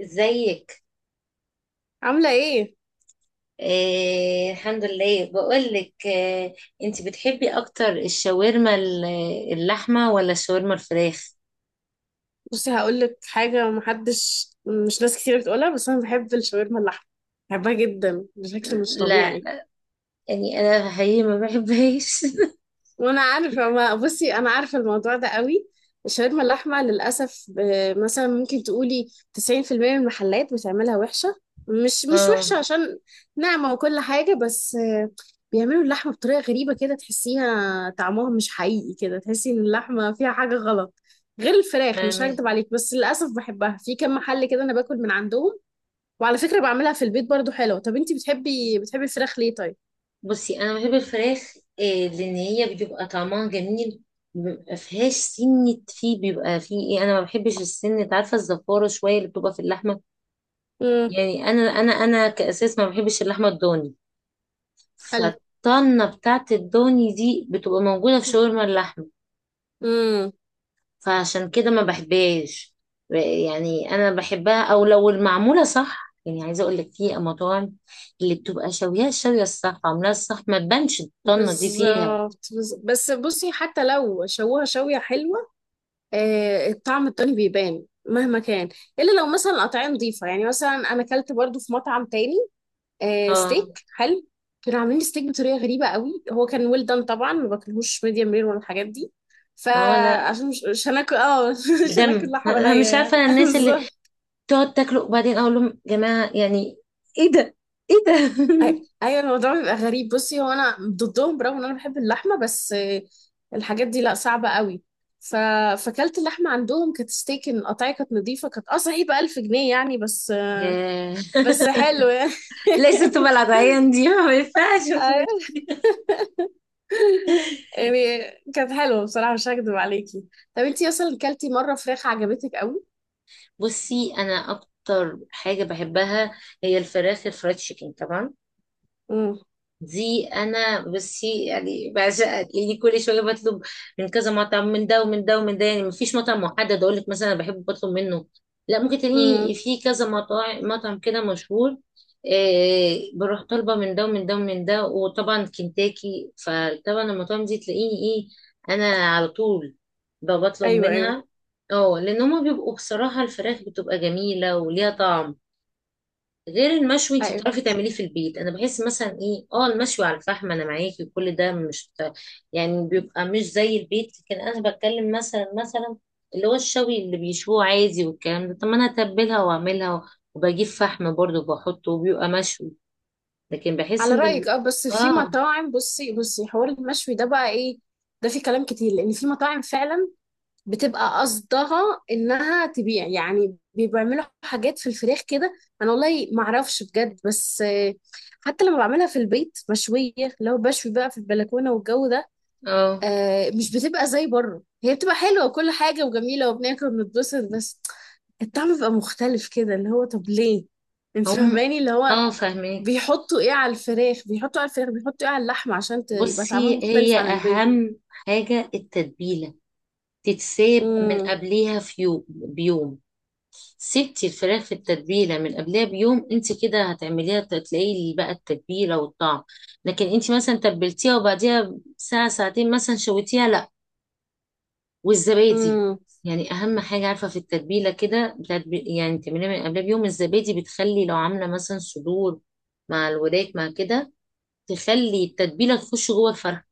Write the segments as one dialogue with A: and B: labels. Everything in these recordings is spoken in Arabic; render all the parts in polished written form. A: ازيك؟
B: عاملة ايه؟
A: آه، الحمد لله. بقولك انت بتحبي اكتر، الشاورما اللحمه ولا الشاورما الفراخ؟
B: بصي هقولك حاجة، محدش مش ناس كتير بتقولها بس أنا بحب الشاورما اللحمة، بحبها جدا بشكل مش
A: لا،
B: طبيعي.
A: يعني انا حقيقي ما بحبهاش.
B: وانا عارفه، ما بصي انا عارفه الموضوع ده قوي. الشاورما اللحمه للاسف مثلا ممكن تقولي 90% من المحلات بتعملها وحشه. مش مش
A: اه،
B: وحشه عشان ناعمه وكل حاجه، بس بيعملوا اللحمه بطريقه غريبه كده، تحسيها طعمها مش حقيقي، كده تحسي ان اللحمه فيها حاجه غلط. غير الفراخ مش
A: فاهمة.
B: هكدب عليك، بس للاسف بحبها في كم محل كده انا باكل من عندهم. وعلى فكره بعملها في البيت برضو حلوه. طب انتي بتحبي الفراخ ليه طيب؟
A: بصي انا بحب الفراخ. آه، لان هي بيبقى طعمها جميل. بيبقى فيهاش سنة، فيه بيبقى فيه ايه، انا ما بحبش السنة، عارفة الزفارة شوية اللي بتبقى في اللحمة.
B: امم.
A: يعني انا كاساس ما بحبش اللحمة الضاني،
B: حلو.
A: فالطنة بتاعت الضاني دي بتبقى موجودة في شاورما اللحمة.
B: امم.
A: فعشان كده ما بحبهاش. يعني انا بحبها او لو المعمولة صح، يعني عايزة اقول لك في مطاعم اللي بتبقى شاويها الشوية الصح، عاملاها الصح، ما تبانش الطنة دي فيها.
B: بالظبط، بس بصي حتى لو شوها شوية حلوة، الطعم التاني بيبان مهما كان، إلا لو مثلا قطعية نظيفة. يعني مثلا أنا أكلت برضو في مطعم تاني
A: اه،
B: ستيك حلو. كانوا عاملين ستيك بطريقة غريبة قوي، هو كان ويل دان طبعا، ما باكلهوش ميديم رير ولا الحاجات دي.
A: اه، لا.
B: فعشان مش هناكل اه مش هناكل
A: بدم،
B: لحمة
A: انا
B: نية
A: مش
B: يعني
A: عارفة. أنا الناس اللي
B: بالظبط.
A: تقعد تاكله وبعدين اقول لهم جماعة يعني ايه ده؟ ايه ده؟
B: ايوه الموضوع بيبقى غريب. بصي هو انا ضدهم برغم ان انا بحب اللحمه، بس الحاجات دي لا، صعبه قوي. ف... فكلت اللحمه عندهم، كانت ستيك، القطعيه كانت نظيفه، كانت اه صحيح ب 1000 جنيه يعني، بس
A: ياه،
B: بس حلو يعني.
A: ليست بلد عيان دي، ما ينفعش.
B: أيوة. يعني كانت حلوه بصراحه مش هكدب عليكي. طب انتي اصلا كلتي مره فراخ عجبتك قوي؟
A: بصي انا اكتر حاجه بحبها هي الفراخ الفرايد تشيكن طبعا.
B: امم.
A: دي انا بصي يعني بعشقها، لاني كل شويه بطلب من كذا مطعم، من ده ومن ده ومن ده. يعني مفيش مطعم محدد اقول لك مثلا انا بحب بطلب منه، لا، ممكن تلاقيني
B: امم.
A: في كذا مطاعم، مطعم كده مشهور. إيه، بروح طالبه من ده ومن ده ومن ده، وطبعا كنتاكي، فطبعا المطاعم دي تلاقيني ايه، انا على طول بطلب
B: ايوه، ايوه،
A: منها. اه، لان هما بيبقوا بصراحه الفراخ بتبقى جميله وليها طعم غير المشوي. انت
B: ايوه.
A: بتعرفي تعمليه في البيت. انا بحس مثلا ايه، اه، المشوي على الفحم انا معاكي، وكل ده مش يعني بيبقى مش زي البيت. لكن انا بتكلم مثلا اللي هو الشوي اللي بيشوه عادي والكلام ده. طب ما انا اتبلها واعملها وبجيب فحم برضه وبحطه وبيبقى مشوي. لكن بحس
B: على
A: ان ال...
B: رايك اه، بس في
A: اه،
B: مطاعم، بصي حوار المشوي ده بقى ايه ده، في كلام كتير لان في مطاعم فعلا بتبقى قصدها انها تبيع يعني، بيعملوا حاجات في الفراخ كده. انا والله ما اعرفش بجد، بس حتى لما بعملها في البيت مشويه، لو بشوي بقى في البلكونه والجو ده
A: اه،
B: مش بتبقى زي بره. هي بتبقى حلوه وكل حاجه وجميله وبناكل وبنتبسط، بس الطعم بيبقى مختلف كده، اللي هو طب ليه؟ انت
A: هم،
B: فاهماني اللي هو
A: اه، فاهمك.
B: بيحطوا ايه على الفراخ، بيحطوا على الفراخ، بيحطوا ايه على اللحمه عشان يبقى طعمها
A: بصي هي
B: مختلف عن البيت.
A: اهم حاجة التتبيلة، تتساب من
B: امم.
A: قبليها في يوم بيوم. سبتي الفراخ في التتبيله من قبلها بيوم، انت كده هتعمليها، تلاقي بقى التتبيله والطعم. لكن انت مثلا تبلتيها وبعديها ساعه ساعتين مثلا شويتيها، لا. والزبادي،
B: امم.
A: يعني اهم حاجه عارفه في التتبيله كده يعني تعمليها من قبلها بيوم، الزبادي بتخلي لو عامله مثلا صدور مع الوراك مع كده، تخلي التتبيله تخش جوه الفرخه،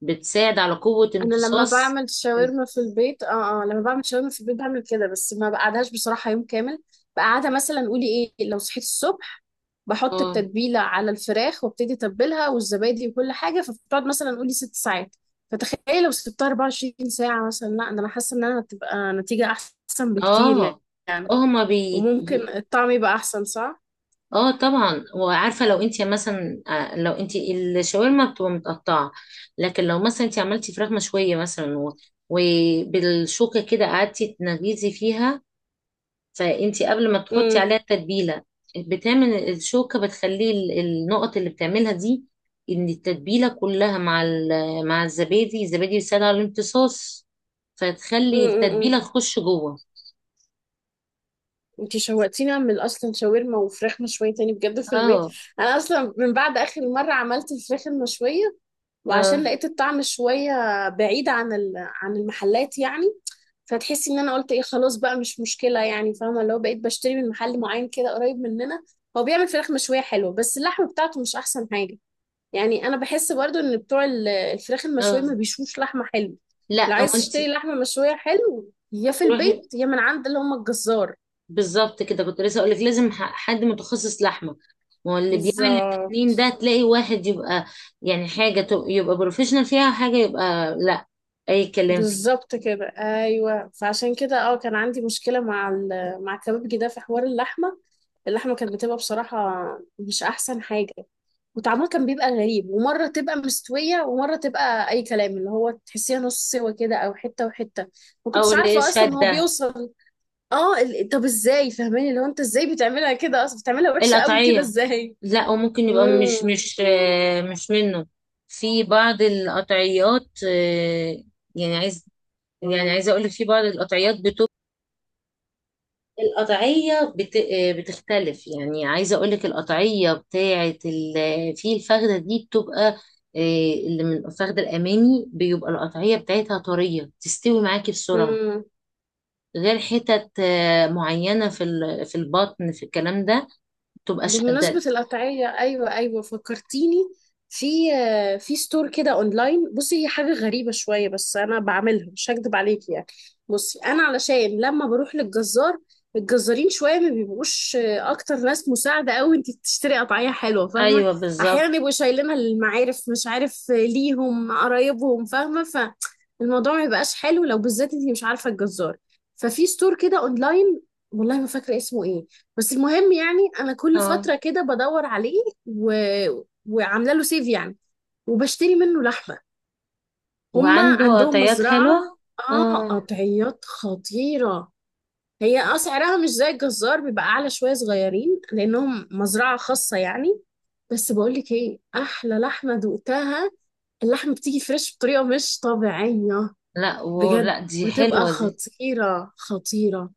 A: بتساعد على قوه
B: انا لما
A: امتصاص
B: بعمل
A: ال-
B: شاورما في البيت، لما بعمل شاورما في البيت بعمل كده، بس ما بقعدهاش بصراحة يوم كامل. بقعدها مثلا قولي ايه، لو صحيت الصبح بحط
A: اه،
B: التتبيلة على الفراخ وابتدي اتبلها والزبادي وكل حاجة، فبتقعد مثلا قولي ست ساعات. فتخيلي لو سبتها 24 ساعة مثلا، لا، ده انا حاسة ان انا هتبقى نتيجة احسن بكتير
A: اه، اه،
B: يعني.
A: هما
B: وممكن الطعم يبقى احسن صح؟
A: اه، طبعا. وعارفه لو انت مثلا آه، لو انت الشاورما بتبقى متقطعه. لكن لو مثلا انت عملتي فراخ مشويه مثلا وبالشوكه كده قعدتي تنغيزي فيها، فانت قبل ما تحطي
B: امم.
A: عليها التتبيله بتعمل الشوكه، بتخلي النقط اللي بتعملها دي ان التتبيله كلها مع مع الزبادي، الزبادي بيساعد على الامتصاص،
B: إمم،
A: فتخلي
B: إمم،
A: التتبيله
B: إمم.
A: تخش جوه.
B: انتي شوقتيني اعمل اصلا شاورما وفراخ مشويه تاني بجد في البيت.
A: اه،
B: انا اصلا من بعد اخر مره عملت الفراخ المشويه، وعشان
A: اه،
B: لقيت الطعم شويه بعيد عن عن المحلات يعني، فتحسي ان انا قلت ايه، خلاص بقى مش مشكله يعني، فاهمه اللي هو بقيت بشتري من محل معين كده قريب مننا. هو بيعمل فراخ مشويه حلوه، بس اللحمه بتاعته مش احسن حاجه. يعني انا بحس برضو ان بتوع الفراخ المشويه
A: اه،
B: ما بيشوش لحمه حلوه. لو
A: لا هو
B: عايز
A: انت،
B: تشتري لحمه مشويه حلو، يا في
A: روحي.
B: البيت يا من عند اللي هم الجزار.
A: بالظبط كده، كنت لسه اقول لك لازم حد متخصص لحمه. ما هو اللي بيعمل
B: بالظبط.
A: التكليم ده تلاقي واحد يبقى يعني حاجه يبقى بروفيشنال فيها، وحاجه يبقى لا، اي كلام فيه،
B: بالظبط كده ايوه، فعشان كده اه كان عندي مشكله مع مع كبابجي ده في حوار اللحمه. اللحمه كانت بتبقى بصراحه مش احسن حاجه، وطعمها كان بيبقى غريب، ومره تبقى مستويه ومره تبقى اي كلام، اللي هو تحسيها نص سوا كده او حته وحته، ما
A: او
B: كنتش
A: اللي
B: عارفه اصلا هو
A: شاده
B: بيوصل. اه طب ازاي؟ فاهماني اللي هو انت ازاي بتعملها كده اصلا، بتعملها وحشه قوي كده
A: القطعيه.
B: ازاي؟
A: لا، وممكن يبقى مش منه. في بعض القطعيات آه، يعني يعني عايزه اقول لك في بعض القطعيات، القطعية بتختلف. يعني عايزة أقولك القطعية في الفخدة دي بتبقى آه، اللي من الفخدة الأمامي بيبقى القطعية بتاعتها طرية، تستوي معاكي بسرعة.
B: امم.
A: غير حتت آه، معينة في البطن في الكلام ده بتبقى شدة.
B: بمناسبة القطعية أيوة، أيوة فكرتيني في في ستور كده أونلاين. بصي هي حاجة غريبة شوية بس أنا بعملها مش هكدب عليكي يعني. بصي أنا علشان لما بروح للجزار، الجزارين شوية ما بيبقوش أكتر ناس مساعدة أوي أنت تشتري قطعية حلوة، فاهمة؟
A: أيوة، بالظبط.
B: أحيانا يبقوا شايلينها للمعارف مش عارف ليهم قرايبهم، فاهمة. فالموضوع ما يبقاش حلو لو بالذات أنت مش عارفة الجزار. ففي ستور كده أونلاين، والله ما فاكرة اسمه إيه، بس المهم يعني انا كل فتره
A: اه،
B: كده بدور عليه، و... وعامله له سيف يعني، وبشتري منه لحمه. هما
A: وعنده
B: عندهم
A: قطعيات
B: مزرعه،
A: حلوة.
B: اه
A: اه،
B: قطعيات خطيره. هي اه سعرها مش زي الجزار، بيبقى اعلى شويه صغيرين لانهم مزرعه خاصه يعني، بس بقول لك ايه احلى لحمه دقتها، اللحمه بتيجي فريش بطريقه مش طبيعيه.
A: لا،
B: بجد
A: ولا دي
B: بتبقى
A: حلوة دي،
B: خطيره خطيره.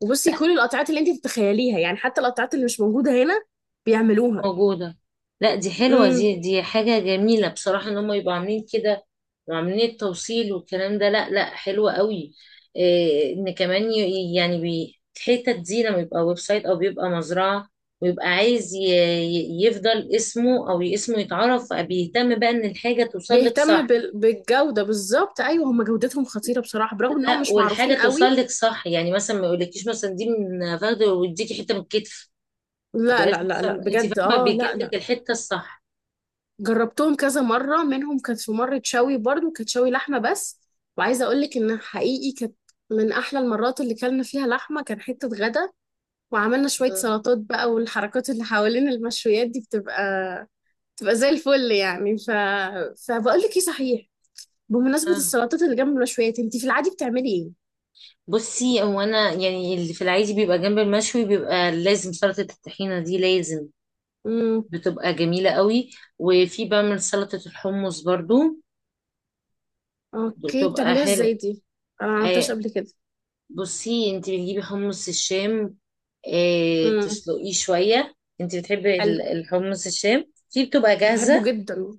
B: وبصي كل القطعات اللي انت تتخيليها يعني، حتى القطعات اللي مش موجودة هنا بيعملوها.
A: موجودة. لا، دي حلوة
B: امم.
A: دي، دي حاجة جميلة بصراحة، ان هم يبقوا عاملين كده وعاملين التوصيل والكلام ده. لا لا، حلوة قوي. إيه، ان كمان يعني الحتت دي لما يبقى ويب سايت او بيبقى مزرعة، ويبقى عايز يفضل اسمه او اسمه يتعرف، بيهتم بقى ان الحاجة توصل لك
B: بيهتم
A: صح.
B: بالجودة بالظبط. ايوه، هم جودتهم خطيرة بصراحة برغم انهم
A: لا،
B: مش
A: والحاجة
B: معروفين
A: توصل
B: قوي.
A: لك صح، يعني مثلا ما يقولكيش مثلا دي من فخد ويديكي حتة من الكتف، ما
B: لا،
A: يبقاش
B: لا، لا، لا،
A: مثلا، انت
B: بجد
A: فاهمة،
B: اه،
A: بيجيب
B: لا،
A: لك
B: لا.
A: الحتة الصح.
B: جربتهم كذا مرة منهم، كانت في مرة شوي برضو كانت شوي لحمة بس. وعايزة اقول لك ان حقيقي كانت من احلى المرات اللي كلنا فيها لحمة، كان حتة غدا وعملنا شوية سلطات بقى، والحركات اللي حوالين المشويات دي بتبقى زي الفل يعني. فبقول لك ايه صحيح، بمناسبة
A: آه.
B: السلطات اللي جنب المشويات انتي في العادي بتعملي ايه؟
A: بصي هو انا يعني اللي في العادي بيبقى جنب المشوي بيبقى لازم سلطة الطحينة، دي لازم.
B: امم.
A: بتبقى جميلة قوي. وفي بعمل سلطة الحمص برضو،
B: اوكي
A: بتبقى
B: بتعمليها ازاي
A: حلو.
B: دي؟ انا ما عملتهاش
A: آه،
B: قبل كده.
A: بصي انت بتجيبي حمص الشام، آه،
B: امم.
A: تسلقيه شوية. انت بتحبي
B: حلو.
A: الحمص الشام؟ في بتبقى
B: بحبه
A: جاهزة.
B: جدا.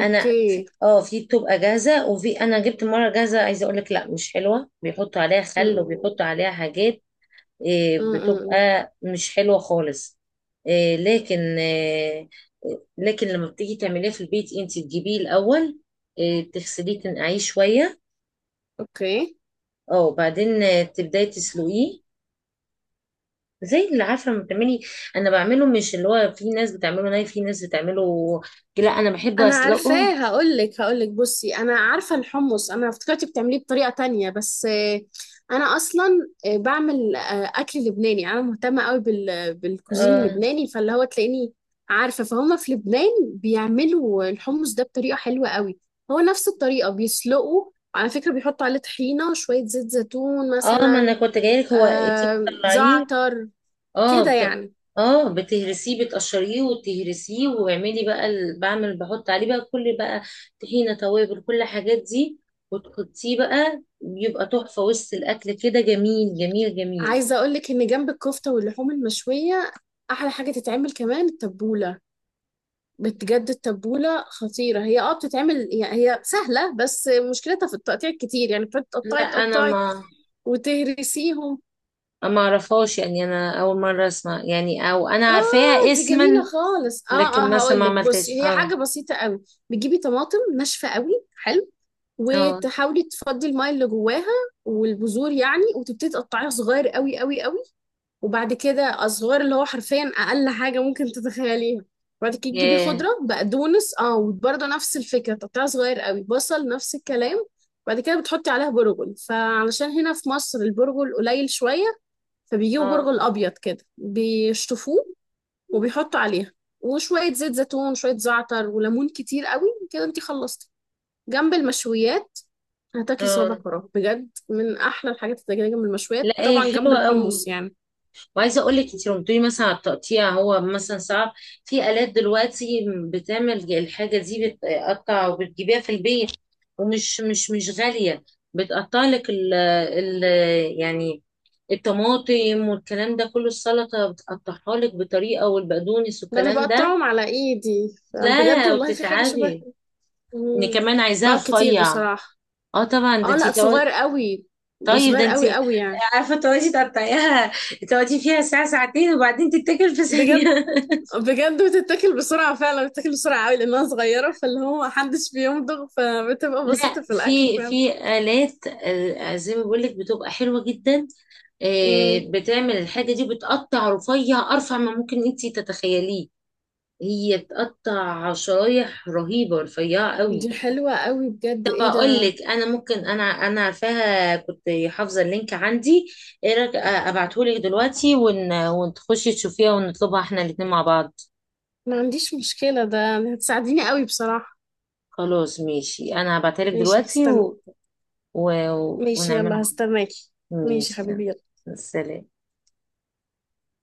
A: انا، اه، في بتبقى جاهزة، وفي انا جبت مرة جاهزة، عايزة اقولك لا مش حلوة، بيحطوا عليها خل
B: امم.
A: وبيحطوا عليها حاجات. إيه،
B: امم.
A: بتبقى مش حلوة خالص. إيه، لكن إيه، لكن لما بتيجي تعمليه في البيت انت تجيبيه الأول، إيه، تغسليه تنقعيه شوية.
B: اوكي.
A: اه، وبعدين آه، تبداي تسلقيه، زي اللي عارفة لما بتعملي. أنا بعمله مش اللي هو في ناس بتعمله ناي، في ناس بتعمله، لا، أنا بحبه
B: انا
A: أسلقه.
B: عارفاه، هقولك بصي انا عارفه الحمص، انا افتكرت بتعمليه بطريقه تانية، بس انا اصلا بعمل اكل لبناني، انا مهتمه قوي بال بالكوزين
A: اه،
B: اللبناني، فاللي هو تلاقيني عارفه فهم في لبنان بيعملوا الحمص ده بطريقه حلوه قوي. هو نفس الطريقه بيسلقوا على فكره، بيحطوا عليه طحينه شويه زيت زيتون
A: آه، ما أنا
B: مثلا،
A: كنت جايلك. هو انت بتطلعيه،
B: زعتر
A: اه،
B: كده يعني.
A: اه، بتهرسيه، بتقشريه وتهرسيه، واعملي بعمل بحط عليه بقى، كل بقى طحينة توابل كل الحاجات دي، وتحطيه بقى بيبقى تحفة وسط الأكل. كده جميل جميل جميل.
B: عايزه اقولك ان جنب الكفته واللحوم المشويه احلى حاجه تتعمل كمان التبوله. بجد التبولة خطيرة، هي اه بتتعمل، هي هي سهلة بس مشكلتها في التقطيع كتير يعني، بتقعدي
A: لا،
B: تقطعي
A: أنا
B: تقطعي
A: ما
B: وتهرسيهم.
A: ما أعرفهاش، يعني أنا أول مرة أسمع، يعني أو أنا عارفاها
B: اه دي
A: اسما،
B: جميلة خالص اه اه،
A: لكن مثلا
B: هقول
A: ما
B: لك بصي
A: عملتهاش.
B: هي
A: اه،
B: حاجة بسيطة قوي. بتجيبي طماطم ناشفة قوي، حلو،
A: اه،
B: وتحاولي تفضي الماء اللي جواها والبذور يعني، وتبتدي تقطعيها صغير قوي قوي قوي. وبعد كده أزوار اللي هو حرفيا أقل حاجة ممكن تتخيليها. بعد كده تجيبي
A: ياه،
B: خضرة بقدونس اه وبرضه نفس الفكرة تقطيع صغير قوي، بصل نفس الكلام. بعد كده بتحطي عليها برغل، فعلشان هنا في مصر البرغل قليل شوية، فبيجيبوا
A: اه،
B: برغل أبيض كده بيشطفوه وبيحطوا عليها. وشوية زيت زيتون، شوية زعتر وليمون كتير قوي كده انتي خلصتي. جنب المشويات هتاكلي صوابع
A: اه،
B: فراغ بجد، من أحلى الحاجات اللي تاكليها جنب المشويات،
A: لا هي
B: طبعا جنب
A: حلوة
B: الحمص
A: قوي.
B: يعني.
A: وعايزه اقول لك، انت لما بتقولي مثلا على التقطيع هو مثلا صعب، في الات دلوقتي بتعمل الحاجه دي بتقطع، وبتجيبيها في البيت ومش مش غاليه. بتقطع لك ال ال، يعني الطماطم والكلام ده كله السلطه بتقطعها لك بطريقه، والبقدونس
B: ده انا
A: والكلام ده.
B: بقطعهم على ايدي بجد
A: لا،
B: والله، في حاجه شبه.
A: وبتتعبي، ان
B: مم.
A: كمان عايزاها
B: بقى كتير
A: رفيع.
B: بصراحه.
A: اه طبعا، ده
B: اه
A: انت
B: لا، صغير قوي، ده
A: طيب ده
B: صغير
A: انت
B: قوي قوي يعني.
A: عارفه تقعدي تقطعيها، تقعدي فيها ساعه ساعتين وبعدين تتاكل في ثانيه.
B: بجد. بجد بتتاكل بسرعه فعلا بتتاكل بسرعه قوي لانها صغيره، فاللي هو محدش بيمضغ فبتبقى
A: لا،
B: بسيطه في
A: في
B: الاكل فعلا.
A: في آلات آه، زي ما بقول لك بتبقى حلوة جدا. آه،
B: مم.
A: بتعمل الحاجة دي بتقطع رفيع، أرفع ما ممكن أنت تتخيليه. هي بتقطع شرايح رهيبة رفيعة قوي.
B: دي حلوه قوي بجد،
A: طب
B: ايه
A: أقول
B: ده.
A: لك، أنا ممكن، أنا عارفاها، كنت حافظة اللينك عندي. إيه رأيك آه، أبعتهولك دلوقتي ون، وتخشي تشوفيها ونطلبها إحنا الاتنين مع بعض.
B: ما عنديش مشكله ده، هتساعديني قوي بصراحه.
A: خلاص ماشي، أنا هبعتها لك
B: ماشي
A: دلوقتي
B: هستنى.
A: و... و...
B: ماشي يلا
A: ونعملها.
B: هستناكي. ماشي
A: ماشي.
B: حبيبي يلا.
A: سلام.